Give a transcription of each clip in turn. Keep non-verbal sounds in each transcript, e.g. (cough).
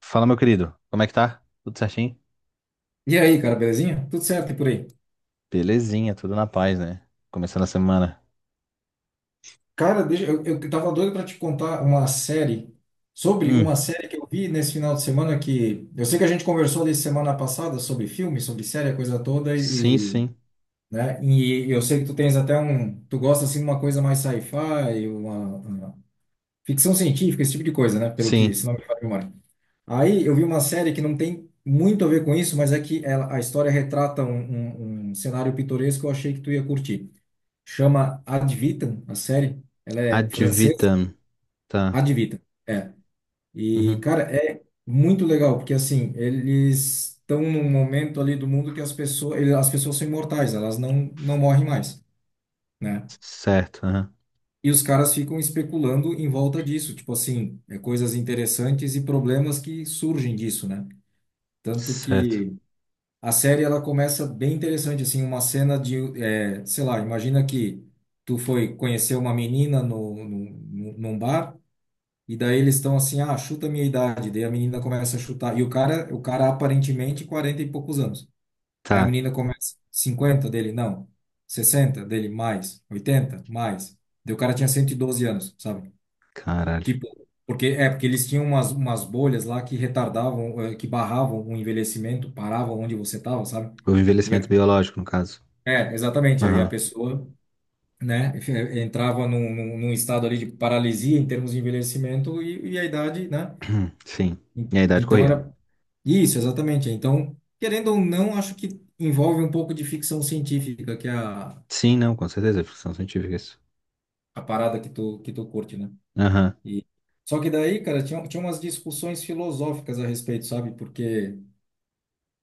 Fala, meu querido. Como é que tá? Tudo certinho? E aí, cara, belezinha? Tudo certo e por aí? Belezinha, tudo na paz, né? Começando a semana. Cara, deixa, eu tava doido pra te contar uma série sobre Hum, uma série que eu vi nesse final de semana que eu sei que a gente conversou ali semana passada sobre filme, sobre série, a coisa toda sim, sim. né? E eu sei que tu tens até um, tu gosta assim de uma coisa mais sci-fi, uma ficção científica, esse tipo de coisa, né? Pelo que, Sim. se não me falha a memória. Aí eu vi uma série que não tem muito a ver com isso, mas é que ela, a história retrata um cenário pitoresco que eu achei que tu ia curtir. Chama Ad Vitam, a série. Ela é Ad francesa, vitam. Tá. Ad Vitam. É. E, Uhum. cara, é muito legal, porque assim, eles estão num momento ali do mundo que as pessoas, as pessoas são imortais, elas não morrem mais, né? Certo, aham. E os caras ficam especulando em volta disso, tipo assim, coisas interessantes e problemas que surgem disso, né? Tanto Certo. que a série ela começa bem interessante, assim, uma cena de, sei lá, imagina que tu foi conhecer uma menina num bar. E daí eles estão assim, ah, chuta a minha idade. Daí a menina começa a chutar. E o cara aparentemente 40 e poucos anos. Aí a Tá. menina começa, 50 dele, não. 60 dele, mais. 80 mais. Daí o cara tinha 112 anos, sabe? Caralho. Tipo, porque eles tinham umas, umas bolhas lá que retardavam, que barravam o envelhecimento, paravam onde você estava, sabe? O E envelhecimento a- biológico, no caso. é, exatamente. Aí a Aham. pessoa, né, (laughs) entrava num estado ali de paralisia em termos de envelhecimento e a idade, né? (clears throat) Sim. E a idade Então corria. era isso, exatamente. Então, querendo ou não, acho que envolve um pouco de ficção científica, que é a, Sim, não, com certeza. É ficção científica isso. a parada que tu curte, né? Aham. E... Só que daí, cara, tinha umas discussões filosóficas a respeito, sabe? Porque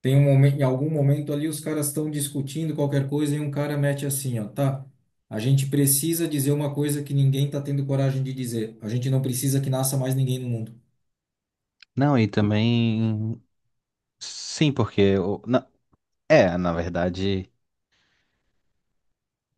tem um momento, em algum momento ali os caras estão discutindo qualquer coisa e um cara mete assim, ó, tá? A gente precisa dizer uma coisa que ninguém tá tendo coragem de dizer. A gente não precisa que nasça mais ninguém no mundo. Não, e também. Sim, porque, é, na verdade.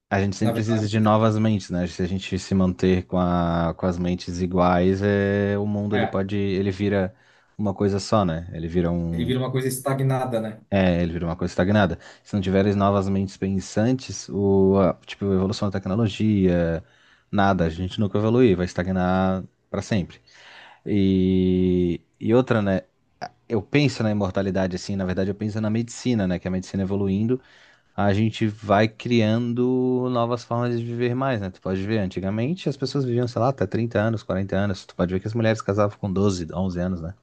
A gente Na sempre precisa verdade, de novas mentes, né? Se a gente se manter com a, com as mentes iguais, é, o mundo ele é, pode, ele vira uma coisa só, né? Ele vira ele um, vira uma coisa estagnada, né? é, ele vira uma coisa estagnada. Se não tiveres novas mentes pensantes, tipo, a evolução da tecnologia, nada, a gente nunca evolui, vai estagnar para sempre. E outra, né? Eu penso na imortalidade assim, na verdade eu penso na medicina, né? Que é a medicina evoluindo a gente vai criando novas formas de viver mais, né? Tu pode ver, antigamente as pessoas viviam, sei lá, até 30 anos, 40 anos. Tu pode ver que as mulheres casavam com 12, 11 anos, né?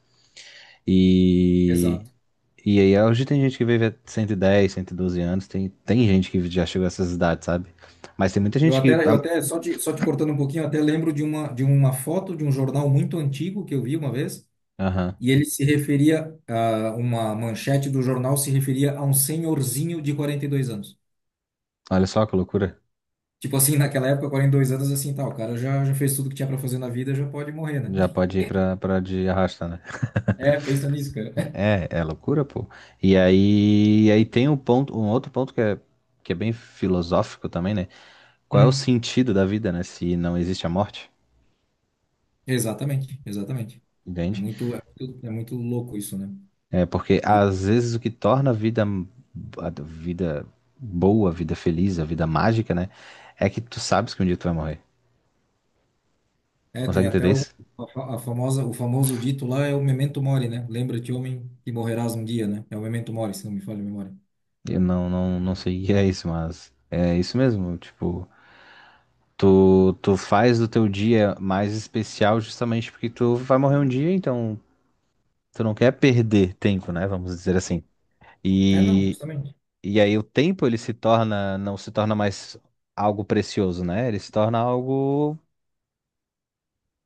E, Exato. e aí hoje tem gente que vive a 110, 112 anos, tem gente que já chegou a essas idades, sabe? Mas tem muita gente que, Eu ah, até só te cortando um pouquinho, eu até lembro de uma foto de um jornal muito antigo que eu vi uma vez, aham, e ele se referia a uma manchete do jornal se referia a um senhorzinho de 42 anos. olha só que loucura. Tipo assim, naquela época, 42 anos, assim, tá, o cara já fez tudo que tinha para fazer na vida, já pode morrer, né? Já (laughs) pode ir pra de arrasta, né? (laughs) É, pensa nisso, cara. (laughs) É loucura, pô. E aí tem um ponto, um outro ponto que é bem filosófico também, né? Qual é o Uhum. sentido da vida, né? Se não existe a morte, Exatamente, exatamente. Entende? É muito louco isso, né? É porque às vezes o que torna a vida boa, a vida feliz, a vida mágica, né? É que tu sabes que um dia tu vai morrer. É, Consegue tem entender até o, isso? a, fa- a famosa, o famoso dito lá é o memento mori, né? Lembra-te, homem, que morrerás um dia, né? É o memento mori, se não me falha a memória. Eu não sei o que é isso, mas é isso mesmo. Tipo, tu faz do teu dia mais especial justamente porque tu vai morrer um dia, então tu não quer perder tempo, né? Vamos dizer assim. É, não, E justamente. E aí o tempo ele se torna, não se torna mais algo precioso, né? Ele se torna algo,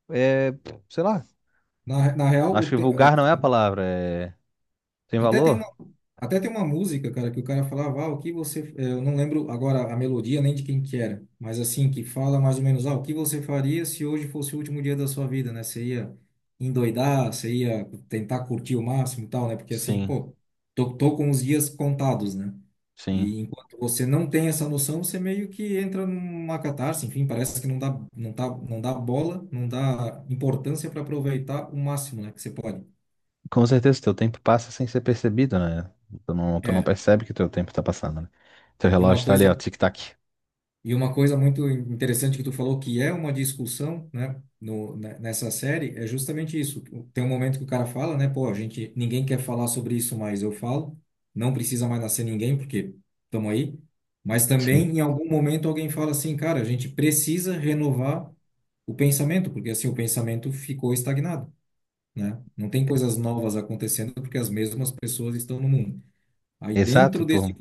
é, sei lá, Na real, acho o que te- eh, vulgar não é a palavra, é, tem até tem uma, valor? até tem uma música, cara, que o cara falava, ah, o que você... eu não lembro agora a melodia nem de quem que era, mas assim, que fala mais ou menos, ah, o que você faria se hoje fosse o último dia da sua vida, né? Você ia endoidar, você ia tentar curtir o máximo e tal, né? Porque assim, Sim, pô, tô com os dias contados, né? sim. E enquanto você não tem essa noção, você meio que entra numa catarse, enfim, parece que não dá bola, não dá importância para aproveitar o máximo, né, que você pode. Com certeza teu tempo passa sem ser percebido, né? Tu não É. percebe que teu tempo tá passando, né? Teu E uma relógio tá ali, ó, coisa, tic-tac. e uma coisa muito interessante que tu falou que é uma discussão, né, no, ne- nessa série, é justamente isso. Tem um momento que o cara fala, né, pô, a gente, ninguém quer falar sobre isso, mas eu falo. Não precisa mais nascer ninguém, porque estamos aí. Mas também, Sim. em algum momento, alguém fala assim, cara, a gente precisa renovar o pensamento, porque assim o pensamento ficou estagnado, né? Não tem coisas novas acontecendo porque as mesmas pessoas estão no mundo. Aí Exato, pô.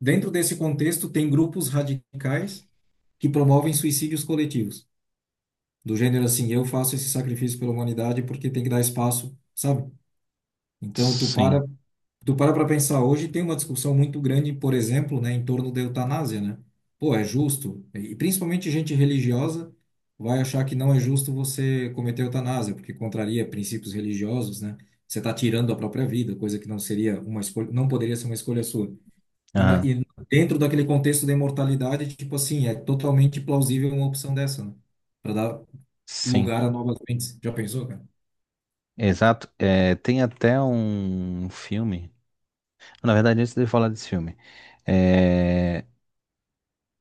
dentro desse contexto tem grupos radicais que promovem suicídios coletivos, do gênero assim, eu faço esse sacrifício pela humanidade porque tem que dar espaço, sabe? Então tu Sim. para Tu para para pensar, hoje tem uma discussão muito grande, por exemplo, né, em torno da eutanásia, né? Pô, é justo? E principalmente gente religiosa vai achar que não é justo você cometer eutanásia, porque contraria princípios religiosos, né? Você está tirando a própria vida, coisa que não seria uma escolha, não poderia ser uma escolha sua. E, na, Aham. e dentro daquele contexto da imortalidade, tipo assim, é totalmente plausível uma opção dessa, né? Para dar Sim. lugar a novas mentes. Já pensou, cara? Exato. É, tem até um filme. Na verdade, antes de eu falar desse filme, é,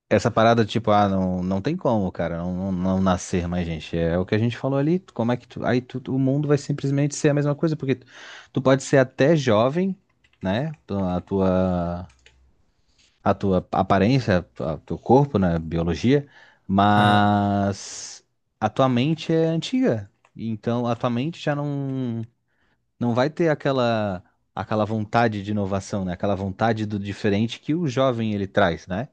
essa parada, tipo, ah, não, não tem como, cara, não nascer mais gente. É o que a gente falou ali, como é que tu, aí tu, o mundo vai simplesmente ser a mesma coisa, porque tu, tu pode ser até jovem, né? A tua, aparência, o teu corpo, né? Biologia, Aham, mas a tua mente é antiga. Então a tua mente já não vai ter aquela vontade de inovação, né? Aquela vontade do diferente que o jovem ele traz, né?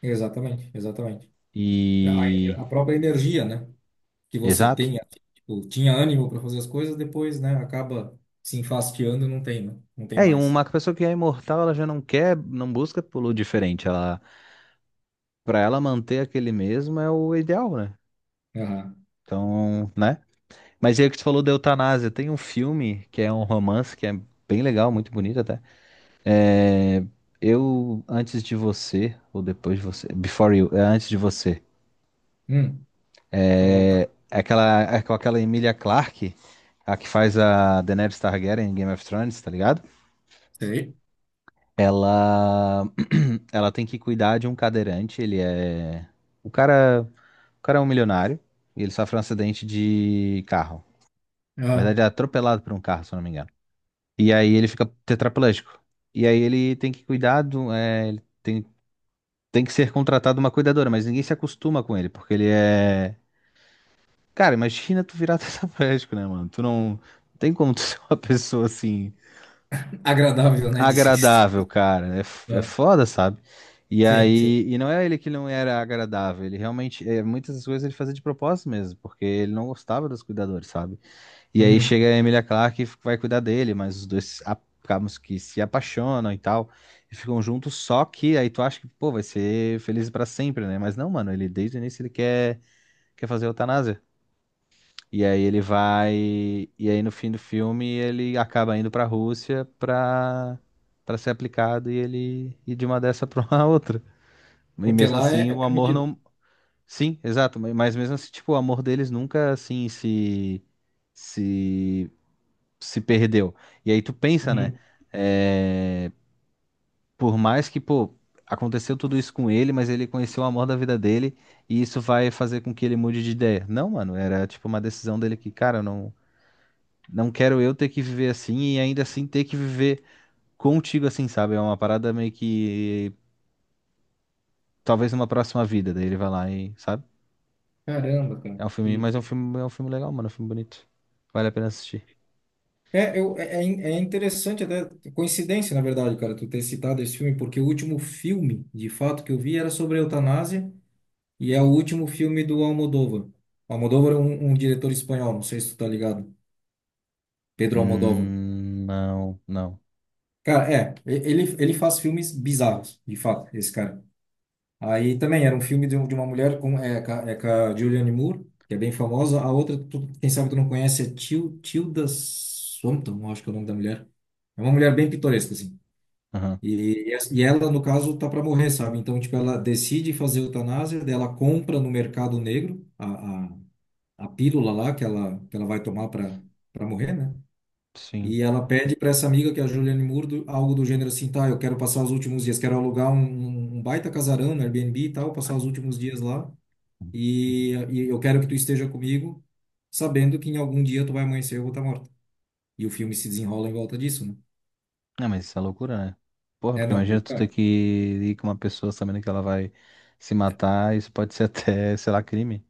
exatamente, exatamente. E. A própria energia, né? Que você Exato. tenha, tipo, tinha ânimo para fazer as coisas, depois, né, acaba se enfastiando e não tem, né? Não tem É, e mais. uma pessoa que é imortal, ela já não quer, não busca pelo diferente. Ela, para ela manter aquele mesmo é o ideal, né? Aham. Então, né? Mas e aí que tu falou da eutanásia, tem um filme que é um romance que é bem legal, muito bonito até. É, eu antes de você ou depois de você, Before You, é antes de você. Hum, deixa eu anotar. É, aquela é com aquela Emilia Clarke, a que faz a Daenerys Targaryen em Game of Thrones, tá ligado? Sei. Ela (clears throat) ela tem que cuidar de um cadeirante, ele é o cara, o cara é um milionário e ele sofre um acidente de carro. Na Ah, verdade, é atropelado por um carro, se eu não me engano. E aí ele fica tetraplégico. E aí ele tem que cuidar do, é, ele tem, que ser contratado uma cuidadora, mas ninguém se acostuma com ele, porque ele é. Cara, imagina tu virar (laughs) tetraplégico, né, mano? Tu não tem como tu (laughs) ser uma pessoa assim agradável, né, de agradável, cara. É, é Ah, foda, sabe? E sim, sim. aí, e não é ele que não era agradável, ele realmente, é, muitas das coisas ele fazia de propósito mesmo, porque ele não gostava dos cuidadores, sabe? E aí Uhum. chega a Emilia Clarke e vai cuidar dele, mas os dois acabam que se apaixonam e tal, e ficam juntos, só que aí tu acha que, pô, vai ser feliz pra sempre, né? Mas não, mano, ele desde o início ele quer, fazer eutanásia. E aí ele vai. E aí no fim do filme ele acaba indo pra Rússia pra ser aplicado e ele ir de uma dessa (laughs) pra uma outra. E Porque mesmo lá é, assim é, o amor permitido. não. Sim, exato. Mas mesmo assim, tipo, o amor deles nunca assim se. Se perdeu. E aí tu pensa, né? Uhum. É, por mais que, pô, aconteceu tudo isso com ele, mas ele conheceu o amor da vida dele e isso vai fazer com que ele mude de ideia. Não, mano, era tipo uma decisão dele que, cara, eu não. Não quero eu ter que viver assim e ainda assim ter que viver contigo assim, sabe? É uma parada meio que. Talvez numa próxima vida. Daí ele vai lá e, sabe? Caramba, cara. É um filme, mas Que- é um filme legal, mano. É um filme bonito. Vale a pena assistir. É, eu, é, é in- é interessante até, coincidência, na verdade, cara, tu ter citado esse filme, porque o último filme, de fato, que eu vi era sobre eutanásia. E é o último filme do Almodóvar. O Almodóvar é um diretor espanhol, não sei se tu tá ligado. Pedro Almodóvar. Não, não. Cara, é, ele faz filmes bizarros, de fato, esse cara. Aí também era um filme de, de uma mulher com, é, com a Julianne Moore, que é bem famosa. A outra, quem sabe tu não conhece, é Tilda Swinton, eu acho que é o nome da mulher. É uma mulher bem pitoresca, assim. Aham, E ela, no caso, tá para morrer, sabe? Então, tipo, ela decide fazer eutanásia, daí ela compra no mercado negro a pílula lá que ela vai tomar para morrer, né? sim. E ela pede para essa amiga, que é a Juliane Moore, do- algo do gênero assim, tá, eu quero passar os últimos dias, quero alugar um baita casarão no Airbnb e tal, passar os últimos dias lá, e eu quero que tu esteja comigo, sabendo que em algum dia tu vai amanhecer e eu vou estar morta. E o filme se desenrola em volta disso, né? Não, mas isso é loucura, né? Porra, É, porque não, imagina tu ter loucura. que ir com uma pessoa sabendo que ela vai se matar, isso pode ser (laughs) até, sei lá, crime.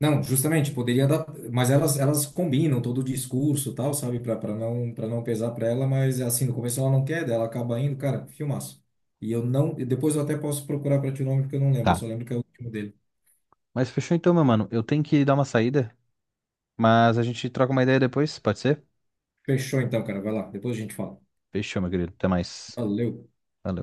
Não, justamente, poderia dar, mas elas combinam todo o discurso e tal, sabe, Pra pra não, para não pesar pra ela, mas assim, no começo ela não quer, daí ela acaba indo, cara, filmaço. E eu não, e depois eu até posso procurar pra ti o nome, porque eu não lembro, eu só Tá. lembro que é o último dele. Mas fechou então, meu mano. Eu tenho que dar uma saída, mas a gente troca uma ideia depois, pode ser? Fechou então, cara, vai lá, depois a gente fala. Fechou, meu querido. Até mais. Valeu. Valeu.